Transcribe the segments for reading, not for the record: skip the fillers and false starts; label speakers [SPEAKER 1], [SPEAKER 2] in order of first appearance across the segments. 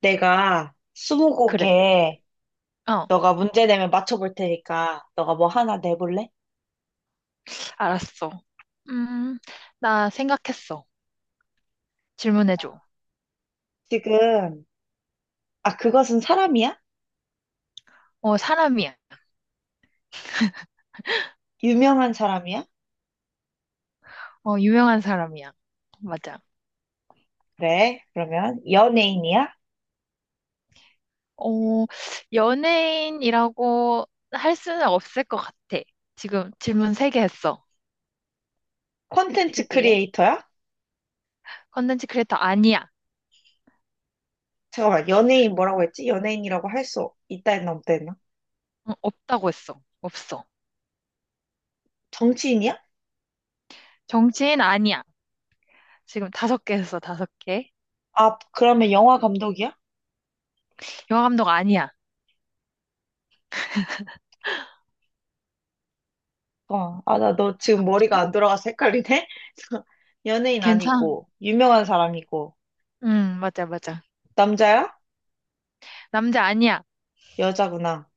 [SPEAKER 1] 내가
[SPEAKER 2] 그래.
[SPEAKER 1] 스무고개
[SPEAKER 2] 어,
[SPEAKER 1] 너가 문제 내면 맞춰볼 테니까 너가 뭐 하나 내볼래?
[SPEAKER 2] 알았어. 음, 나 생각했어. 질문해줘.
[SPEAKER 1] 지금 아 그것은 사람이야?
[SPEAKER 2] 사람이야.
[SPEAKER 1] 유명한 사람이야?
[SPEAKER 2] 유명한 사람이야. 맞아.
[SPEAKER 1] 그래 그러면 연예인이야?
[SPEAKER 2] 어, 연예인이라고 할 수는 없을 것 같아. 지금 질문 세 개 했어.
[SPEAKER 1] 콘텐츠
[SPEAKER 2] 세개
[SPEAKER 1] 크리에이터야?
[SPEAKER 2] 컨텐츠 크리에이터 아니야.
[SPEAKER 1] 잠깐만 연예인 뭐라고 했지? 연예인이라고 할 수 있다 했나 없다 했나?
[SPEAKER 2] 응, 없다고 했어. 없어.
[SPEAKER 1] 정치인이야?
[SPEAKER 2] 정치인 아니야. 지금 다섯 개 했어, 다섯 개.
[SPEAKER 1] 아 그러면 영화 감독이야?
[SPEAKER 2] 영화 감독 아니야.
[SPEAKER 1] 아 나 너 지금
[SPEAKER 2] 남자?
[SPEAKER 1] 머리가 안 돌아가서 헷갈리네? 연예인
[SPEAKER 2] 괜찮아.
[SPEAKER 1] 아니고 유명한 사람이고
[SPEAKER 2] 응, 맞아, 맞아.
[SPEAKER 1] 남자야?
[SPEAKER 2] 남자 아니야.
[SPEAKER 1] 여자구나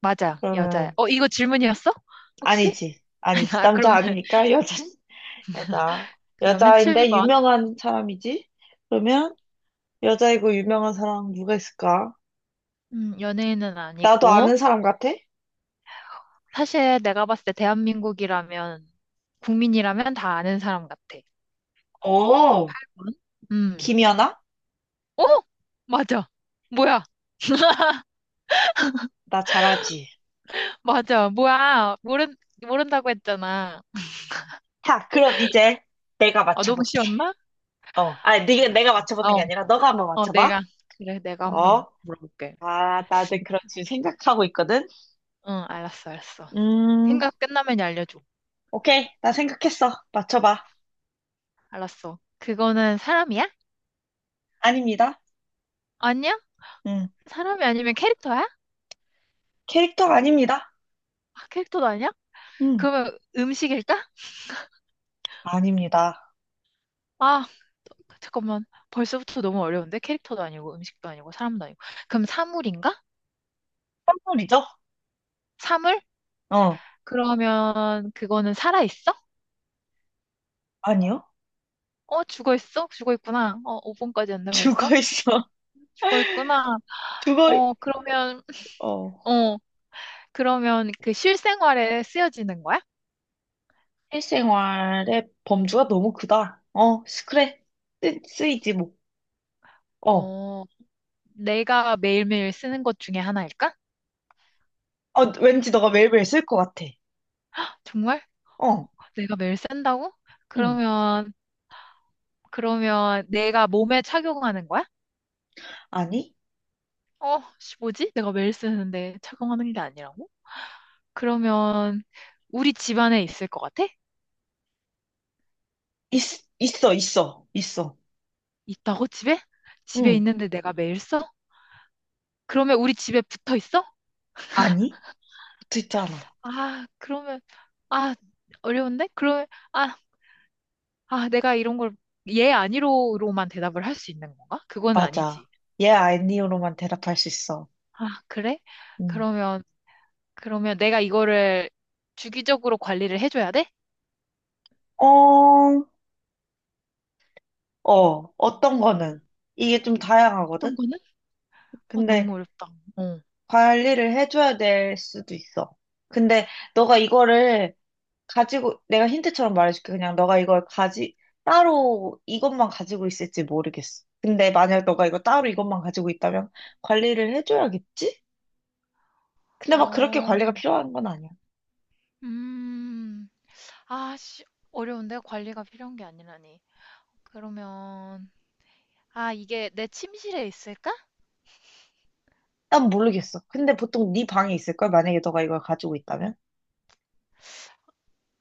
[SPEAKER 2] 맞아, 여자야.
[SPEAKER 1] 그러면
[SPEAKER 2] 이거 질문이었어? 혹시?
[SPEAKER 1] 아니지. 아니지.
[SPEAKER 2] 아,
[SPEAKER 1] 남자
[SPEAKER 2] 그러면,
[SPEAKER 1] 아니니까 여자, 여자.
[SPEAKER 2] 그러면
[SPEAKER 1] 여자인데
[SPEAKER 2] 7번.
[SPEAKER 1] 유명한 사람이지? 그러면 여자이고 유명한 사람 누가 있을까?
[SPEAKER 2] 연예인은
[SPEAKER 1] 나도
[SPEAKER 2] 아니고.
[SPEAKER 1] 아는 사람 같아?
[SPEAKER 2] 사실 내가 봤을 때 대한민국이라면, 국민이라면 다 아는 사람 같아.
[SPEAKER 1] 오,
[SPEAKER 2] 응? 음.
[SPEAKER 1] 김연아?
[SPEAKER 2] 어? 맞아. 뭐야?
[SPEAKER 1] 나 잘하지.
[SPEAKER 2] 맞아. 뭐야? 모른다고 했잖아.
[SPEAKER 1] 자, 그럼 이제 내가
[SPEAKER 2] 아, 너무
[SPEAKER 1] 맞춰볼게.
[SPEAKER 2] 쉬웠나?
[SPEAKER 1] 어, 아니, 네가, 내가
[SPEAKER 2] 알았어.
[SPEAKER 1] 맞춰보는 게 아니라 너가 한번 맞춰봐.
[SPEAKER 2] 내가. 그래, 내가
[SPEAKER 1] 어,
[SPEAKER 2] 한번 물어볼게.
[SPEAKER 1] 아, 나는 그렇지 생각하고 있거든.
[SPEAKER 2] 응, 알았어, 알았어.
[SPEAKER 1] 음,
[SPEAKER 2] 생각 끝나면 알려줘.
[SPEAKER 1] 오케이. 나 생각했어. 맞춰봐.
[SPEAKER 2] 알았어. 그거는 사람이야?
[SPEAKER 1] 아닙니다.
[SPEAKER 2] 아니야?
[SPEAKER 1] 음,
[SPEAKER 2] 사람이 아니면 캐릭터야?
[SPEAKER 1] 캐릭터 아닙니다.
[SPEAKER 2] 아, 캐릭터도 아니야?
[SPEAKER 1] 음,
[SPEAKER 2] 그러면 음식일까?
[SPEAKER 1] 아닙니다.
[SPEAKER 2] 아, 잠깐만. 벌써부터 너무 어려운데? 캐릭터도 아니고, 음식도 아니고, 사람도 아니고. 그럼 사물인가?
[SPEAKER 1] 선물이죠?
[SPEAKER 2] 사물?
[SPEAKER 1] 어,
[SPEAKER 2] 그러면 그거는 살아있어?
[SPEAKER 1] 아니요.
[SPEAKER 2] 죽어있어? 죽어있구나. 5번까지였 네 벌써?
[SPEAKER 1] 죽어 있어.
[SPEAKER 2] 죽어있구나.
[SPEAKER 1] 죽어.
[SPEAKER 2] 어, 그러면,
[SPEAKER 1] 어.
[SPEAKER 2] 어, 그러면 그 실생활에 쓰여지는 거야?
[SPEAKER 1] 실생활의 범주가 너무 크다. 그래. 쓰이지, 뭐. 어.
[SPEAKER 2] 어, 내가 매일매일 쓰는 것 중에 하나일까?
[SPEAKER 1] 왠지 너가 매일매일 쓸 것 같아.
[SPEAKER 2] 정말?
[SPEAKER 1] 어,
[SPEAKER 2] 내가 매일 쓴다고?
[SPEAKER 1] 응.
[SPEAKER 2] 그러면, 그러면 내가 몸에 착용하는 거야?
[SPEAKER 1] 아니?
[SPEAKER 2] 씨, 뭐지? 내가 매일 쓰는데 착용하는 게 아니라고? 그러면 우리 집 안에 있을 것 같아?
[SPEAKER 1] 있, 있어, 있어, 있어.
[SPEAKER 2] 있다고 집에? 집에
[SPEAKER 1] 응.
[SPEAKER 2] 있는데 내가 매일 써? 그러면 우리 집에 붙어 있어?
[SPEAKER 1] 아니? 듣지 않아.
[SPEAKER 2] 아, 그러면 아, 어려운데? 그러면 아, 내가 이런 걸 얘 아니로로만 대답을 할 수 있는 건가? 그건
[SPEAKER 1] 맞아.
[SPEAKER 2] 아니지.
[SPEAKER 1] 예, 아니요로만 대답할 수 있어.
[SPEAKER 2] 아, 그래?
[SPEAKER 1] 응.
[SPEAKER 2] 그러면 그러면 내가 이거를 주기적으로 관리를 해줘야 돼?
[SPEAKER 1] 어, 어떤 거는? 이게 좀
[SPEAKER 2] 어떤
[SPEAKER 1] 다양하거든?
[SPEAKER 2] 거는? 아, 너무
[SPEAKER 1] 근데
[SPEAKER 2] 어렵다. 어.
[SPEAKER 1] 관리를 해줘야 될 수도 있어. 근데 너가 이거를 가지고, 내가 힌트처럼 말해줄게. 그냥 너가 이걸 가지, 따로 이것만 가지고 있을지 모르겠어. 근데 만약 너가 이거 따로 이것만 가지고 있다면 관리를 해줘야겠지? 근데 막 그렇게
[SPEAKER 2] 어,
[SPEAKER 1] 관리가 필요한 건 아니야.
[SPEAKER 2] 음. 아씨, 어려운데 관리가 필요한 게 아니라니. 그러면, 아, 이게 내 침실에 있을까?
[SPEAKER 1] 난 모르겠어. 근데 보통 네 방에 있을걸? 만약에 너가 이걸 가지고 있다면?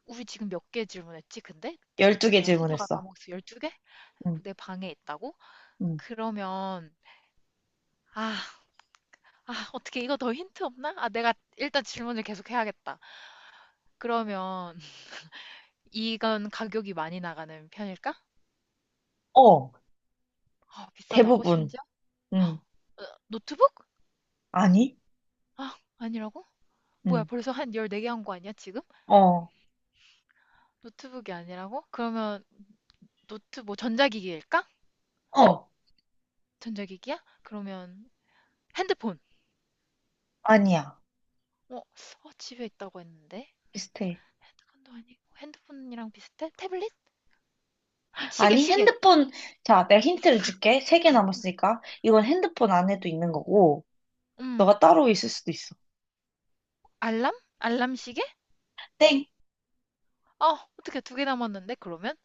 [SPEAKER 2] 우리 지금 몇 개 질문했지, 근데? 지금
[SPEAKER 1] 12개
[SPEAKER 2] 내가 세다가
[SPEAKER 1] 질문했어.
[SPEAKER 2] 까먹었어. 12개?
[SPEAKER 1] 응,
[SPEAKER 2] 내 방에 있다고?
[SPEAKER 1] 응.
[SPEAKER 2] 그러면, 아, 어떻게 이거 더 힌트 없나? 아, 내가 일단 질문을 계속 해야겠다. 그러면, 이건 가격이 많이 나가는 편일까?
[SPEAKER 1] 어,
[SPEAKER 2] 아, 비싸다고,
[SPEAKER 1] 대부분.
[SPEAKER 2] 심지어?
[SPEAKER 1] 응.
[SPEAKER 2] 어, 노트북?
[SPEAKER 1] 아니?
[SPEAKER 2] 아, 아니라고? 뭐야,
[SPEAKER 1] 응.
[SPEAKER 2] 벌써 한 14개 한 거 아니야, 지금?
[SPEAKER 1] 어,
[SPEAKER 2] 노트북이 아니라고? 그러면, 뭐, 전자기기일까?
[SPEAKER 1] 어.
[SPEAKER 2] 전자기기야? 그러면 핸드폰.
[SPEAKER 1] 아니야.
[SPEAKER 2] 집에 있다고 했는데.
[SPEAKER 1] 비슷해.
[SPEAKER 2] 핸드폰도 아니고 핸드폰이랑 비슷해? 태블릿? 아, 시계,
[SPEAKER 1] 아니,
[SPEAKER 2] 시계.
[SPEAKER 1] 핸드폰, 자, 내가 힌트를 줄게. 세 개 남았으니까. 이건 핸드폰 안에도 있는 거고,
[SPEAKER 2] 음,
[SPEAKER 1] 너가 따로 있을 수도 있어.
[SPEAKER 2] 알람? 알람 시계?
[SPEAKER 1] 땡!
[SPEAKER 2] 어떻게 두 개 남았는데? 그러면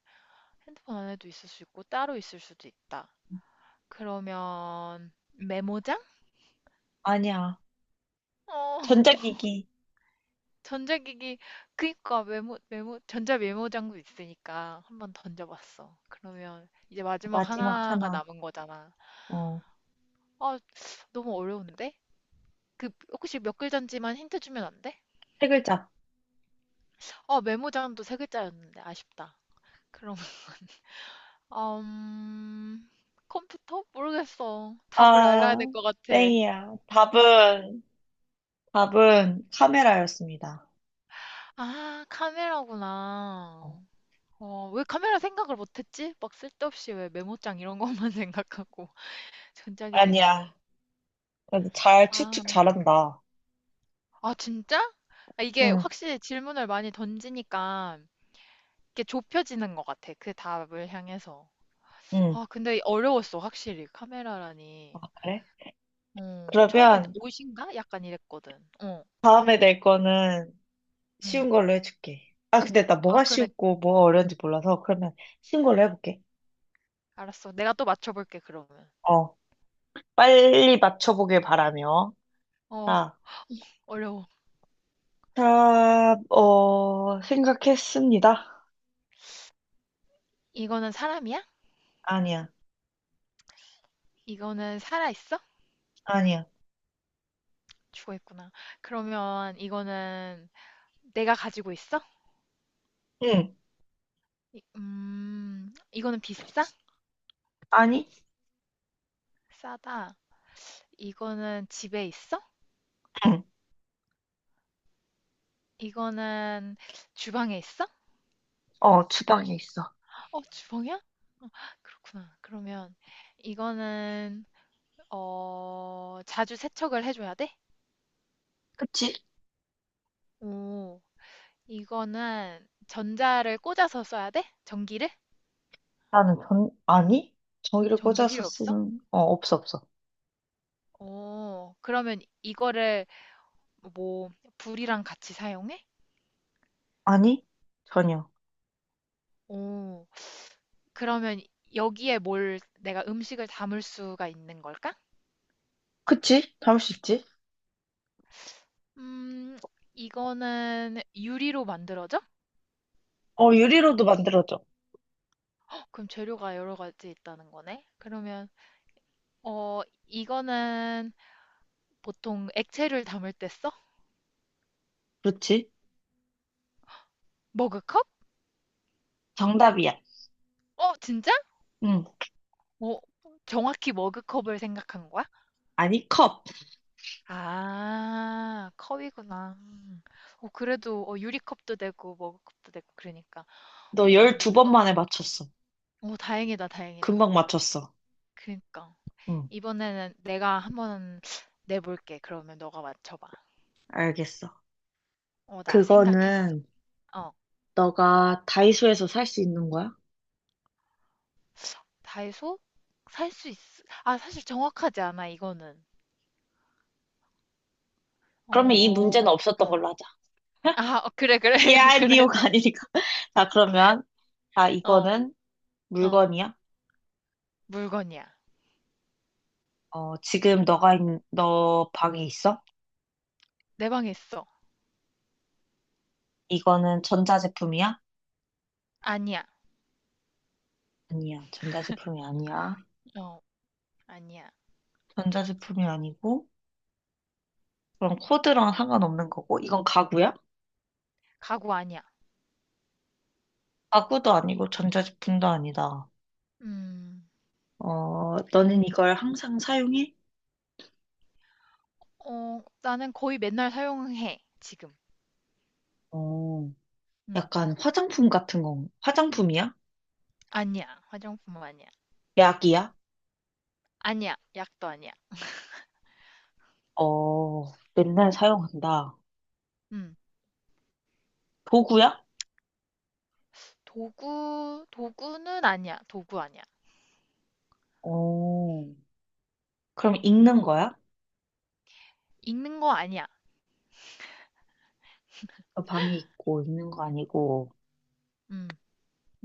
[SPEAKER 2] 핸드폰 안에도 있을 수 있고 따로 있을 수도 있다. 그러면 메모장?
[SPEAKER 1] 아니야.
[SPEAKER 2] 어,
[SPEAKER 1] 전자기기.
[SPEAKER 2] 전자기기. 그니까 메모 전자 메모장도 있으니까 한번 던져봤어. 그러면 이제 마지막
[SPEAKER 1] 마지막
[SPEAKER 2] 하나가
[SPEAKER 1] 하나.
[SPEAKER 2] 남은 거잖아.
[SPEAKER 1] 어,
[SPEAKER 2] 아, 너무 어려운데? 그 혹시 몇 글자인지만 힌트 주면 안 돼?
[SPEAKER 1] 세 글자.
[SPEAKER 2] 메모장도 세 글자였는데 아쉽다. 그럼 음, 컴퓨터? 모르겠어. 답을 알아야 될
[SPEAKER 1] 아,
[SPEAKER 2] 것 같아.
[SPEAKER 1] 땡이야. 답은, 답은 카메라였습니다.
[SPEAKER 2] 아,
[SPEAKER 1] 어.
[SPEAKER 2] 카메라구나. 왜 카메라 생각을 못했지? 막 쓸데없이 왜 메모장 이런 것만 생각하고
[SPEAKER 1] 아니야.
[SPEAKER 2] 전자기기인데.
[SPEAKER 1] 그래도 잘
[SPEAKER 2] 아,
[SPEAKER 1] 추측 잘한다.
[SPEAKER 2] 진짜? 아, 이게
[SPEAKER 1] 응,
[SPEAKER 2] 확실히 질문을 많이 던지니까 이게 좁혀지는 것 같아. 그 답을 향해서.
[SPEAKER 1] 응.
[SPEAKER 2] 아, 근데 어려웠어, 확실히. 카메라라니.
[SPEAKER 1] 그래?
[SPEAKER 2] 처음엔
[SPEAKER 1] 그러면
[SPEAKER 2] 옷인가? 약간 이랬거든. 어,
[SPEAKER 1] 다음에 낼 거는
[SPEAKER 2] 응.
[SPEAKER 1] 쉬운 걸로 해줄게. 아, 근데 나
[SPEAKER 2] 아,
[SPEAKER 1] 뭐가
[SPEAKER 2] 그래.
[SPEAKER 1] 쉬웠고 뭐가 어려운지 몰라서 그러면 쉬운 걸로 해볼게.
[SPEAKER 2] 알았어. 내가 또 맞춰볼게, 그러면.
[SPEAKER 1] 어, 빨리 맞춰보길 바라며.
[SPEAKER 2] 어,
[SPEAKER 1] 자,
[SPEAKER 2] 어려워.
[SPEAKER 1] 자, 생각했습니다.
[SPEAKER 2] 이거는 사람이야?
[SPEAKER 1] 아니야,
[SPEAKER 2] 이거는 살아있어?
[SPEAKER 1] 아니야.
[SPEAKER 2] 죽어있구나. 그러면 이거는 내가 가지고 있어?
[SPEAKER 1] 응,
[SPEAKER 2] 이거는 비싸?
[SPEAKER 1] 아니,
[SPEAKER 2] 싸다. 이거는 집에 있어?
[SPEAKER 1] 응.
[SPEAKER 2] 이거는 주방에 있어?
[SPEAKER 1] 주방에 있어.
[SPEAKER 2] 주방이야? 어, 그렇구나. 그러면 이거는, 자주 세척을 해줘야 돼?
[SPEAKER 1] 그치?
[SPEAKER 2] 오. 이거는 전자를 꽂아서 써야 돼? 전기를?
[SPEAKER 1] 아니? 전기를
[SPEAKER 2] 전기
[SPEAKER 1] 꽂아서
[SPEAKER 2] 필요 없어?
[SPEAKER 1] 쓰는, 없어, 없어.
[SPEAKER 2] 그러면 이거를 뭐 불이랑 같이 사용해?
[SPEAKER 1] 아니? 전혀.
[SPEAKER 2] 오, 그러면 여기에 뭘 내가 음식을 담을 수가 있는 걸까?
[SPEAKER 1] 그치? 담을 수 있지?
[SPEAKER 2] 음, 이거는 유리로 만들어져?
[SPEAKER 1] 유리로도 만들어져.
[SPEAKER 2] 그럼 재료가 여러 가지 있다는 거네. 그러면 어, 이거는 보통 액체를 담을 때 써?
[SPEAKER 1] 그렇지?
[SPEAKER 2] 머그컵?
[SPEAKER 1] 정답이야.
[SPEAKER 2] 어, 진짜?
[SPEAKER 1] 응.
[SPEAKER 2] 어, 정확히 머그컵을 생각한 거야?
[SPEAKER 1] 아니, 컵.
[SPEAKER 2] 아, 컵이구나. 음. 그래도 유리컵도 되고 머그컵도 되고 그러니까.
[SPEAKER 1] 너
[SPEAKER 2] 어, 어,
[SPEAKER 1] 12번 만에 맞췄어.
[SPEAKER 2] 다행이다, 다행이다.
[SPEAKER 1] 금방 맞췄어.
[SPEAKER 2] 그러니까
[SPEAKER 1] 응,
[SPEAKER 2] 이번에는 내가 한번 내볼게. 그러면 너가 맞춰봐.
[SPEAKER 1] 알겠어.
[SPEAKER 2] 나 생각했어.
[SPEAKER 1] 그거는
[SPEAKER 2] 어,
[SPEAKER 1] 너가 다이소에서 살 수 있는 거야?
[SPEAKER 2] 다이소 살 수 있. 아, 사실 정확하지 않아 이거는.
[SPEAKER 1] 그러면 이
[SPEAKER 2] 어,
[SPEAKER 1] 문제는 없었던 걸로
[SPEAKER 2] 음.
[SPEAKER 1] 하자.
[SPEAKER 2] 아, 그래, 그래,
[SPEAKER 1] 야,
[SPEAKER 2] 그래.
[SPEAKER 1] 니오가 아니니까. 자, 그러면, 아,
[SPEAKER 2] 어,
[SPEAKER 1] 이거는
[SPEAKER 2] 어,
[SPEAKER 1] 물건이야?
[SPEAKER 2] 물건이야.
[SPEAKER 1] 지금 너가 있는, 너 방에 있어?
[SPEAKER 2] 내 방에 있어.
[SPEAKER 1] 이거는 전자제품이야?
[SPEAKER 2] 아니야.
[SPEAKER 1] 아니야, 전자제품이 아니야.
[SPEAKER 2] 어, 아니야.
[SPEAKER 1] 전자제품이 아니고, 그럼 코드랑 상관없는 거고, 이건 가구야?
[SPEAKER 2] 가구 아니야.
[SPEAKER 1] 가구도 아니고, 전자제품도 아니다.
[SPEAKER 2] 음.
[SPEAKER 1] 너는 이걸 항상 사용해?
[SPEAKER 2] 나는 거의 맨날 사용해, 지금.
[SPEAKER 1] 어,
[SPEAKER 2] 음.
[SPEAKER 1] 약간 화장품 같은 거, 화장품이야?
[SPEAKER 2] 아니야. 화장품 아니야.
[SPEAKER 1] 약이야?
[SPEAKER 2] 아니야. 약도 아니야.
[SPEAKER 1] 어, 맨날 사용한다.
[SPEAKER 2] 음.
[SPEAKER 1] 도구야?
[SPEAKER 2] 도구는 아니야. 도구 아니야.
[SPEAKER 1] 어, 그럼 읽는 거야?
[SPEAKER 2] 읽는 거 아니야.
[SPEAKER 1] 방이 있고 읽는 거 아니고.
[SPEAKER 2] 음.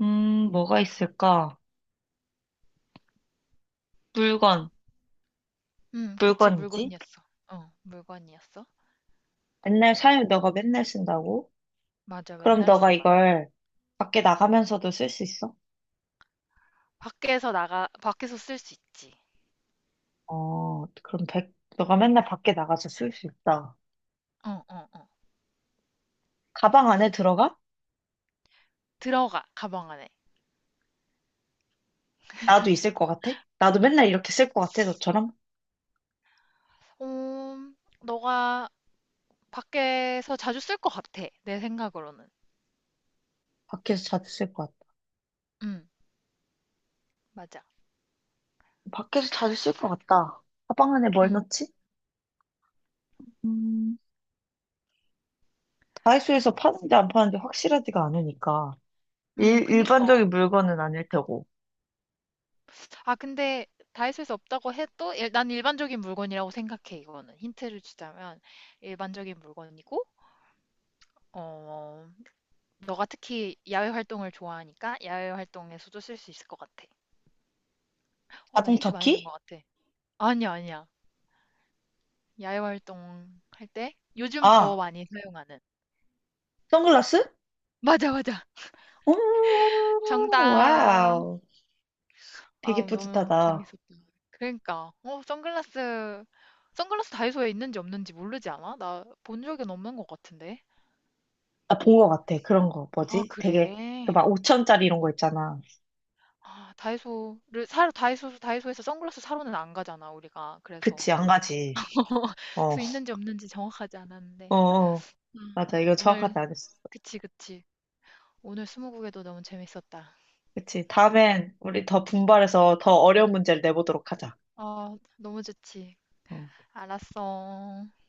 [SPEAKER 1] 뭐가 있을까? 물건,
[SPEAKER 2] 그치,
[SPEAKER 1] 물건이지?
[SPEAKER 2] 물건이었어. 물건이었어.
[SPEAKER 1] 맨날 사용, 너가 맨날 쓴다고?
[SPEAKER 2] 맞아,
[SPEAKER 1] 그럼
[SPEAKER 2] 맨날
[SPEAKER 1] 너가
[SPEAKER 2] 써, 나.
[SPEAKER 1] 이걸 밖에 나가면서도 쓸 수 있어?
[SPEAKER 2] 밖에서 쓸 수 있지.
[SPEAKER 1] 그럼 너가 맨날 밖에 나가서 쓸 수 있다.
[SPEAKER 2] 어, 어, 어.
[SPEAKER 1] 가방 안에 들어가?
[SPEAKER 2] 들어가, 가방 안에.
[SPEAKER 1] 나도 있을 것 같아? 나도 맨날 이렇게 쓸 것 같아, 너처럼?
[SPEAKER 2] 음, 너가 밖에서 자주 쓸 것 같아, 내 생각으로는.
[SPEAKER 1] 밖에서 자주 쓸 것 같아.
[SPEAKER 2] 음, 맞아.
[SPEAKER 1] 밖에서 자주 쓸 것 같다. 가방 안에 뭘
[SPEAKER 2] 음,
[SPEAKER 1] 넣지? 음, 다이소에서 파는지 안 파는지 확실하지가 않으니까.
[SPEAKER 2] 그니까.
[SPEAKER 1] 일반적인 물건은 아닐 테고.
[SPEAKER 2] 아, 근데 다 있을 수 없다고 해도 난 일반적인 물건이라고 생각해, 이거는. 힌트를 주자면 일반적인 물건이고, 어, 너가 특히 야외 활동을 좋아하니까 야외 활동에서도 쓸 수 있을 것 같아. 나 힌트
[SPEAKER 1] 자동차
[SPEAKER 2] 많이 준
[SPEAKER 1] 키?
[SPEAKER 2] 것 같아. 아니야, 아니야. 야외 활동 할 때 요즘 더
[SPEAKER 1] 아,
[SPEAKER 2] 많이 사용하는.
[SPEAKER 1] 선글라스?
[SPEAKER 2] 맞아, 맞아.
[SPEAKER 1] 오,
[SPEAKER 2] 정답.
[SPEAKER 1] 와우. 되게
[SPEAKER 2] 아, 너무
[SPEAKER 1] 뿌듯하다.
[SPEAKER 2] 재밌었다. 그러니까, 선글라스, 선글라스 다이소에 있는지 없는지 모르지 않아? 나 본 적은 없는 것 같은데.
[SPEAKER 1] 아, 본 것 같아. 그런 거.
[SPEAKER 2] 아
[SPEAKER 1] 뭐지? 되게, 그
[SPEAKER 2] 그래?
[SPEAKER 1] 막 5천짜리 이런 거 있잖아.
[SPEAKER 2] 아 다이소를 사러 다이소 다이소에서 선글라스 사러는 안 가잖아, 우리가. 그래서.
[SPEAKER 1] 그치, 안 가지. 어,
[SPEAKER 2] 그래서 있는지 없는지 정확하지
[SPEAKER 1] 어,
[SPEAKER 2] 않았는데.
[SPEAKER 1] 어.
[SPEAKER 2] 음.
[SPEAKER 1] 맞아. 이거 정확하지
[SPEAKER 2] 오늘
[SPEAKER 1] 않았어.
[SPEAKER 2] 그치, 그치. 오늘 스무고개도 너무 재밌었다.
[SPEAKER 1] 그치. 다음엔 우리 더 분발해서 더 어려운 문제를 내보도록 하자.
[SPEAKER 2] 아, 너무 좋지.
[SPEAKER 1] 어.
[SPEAKER 2] 알았어.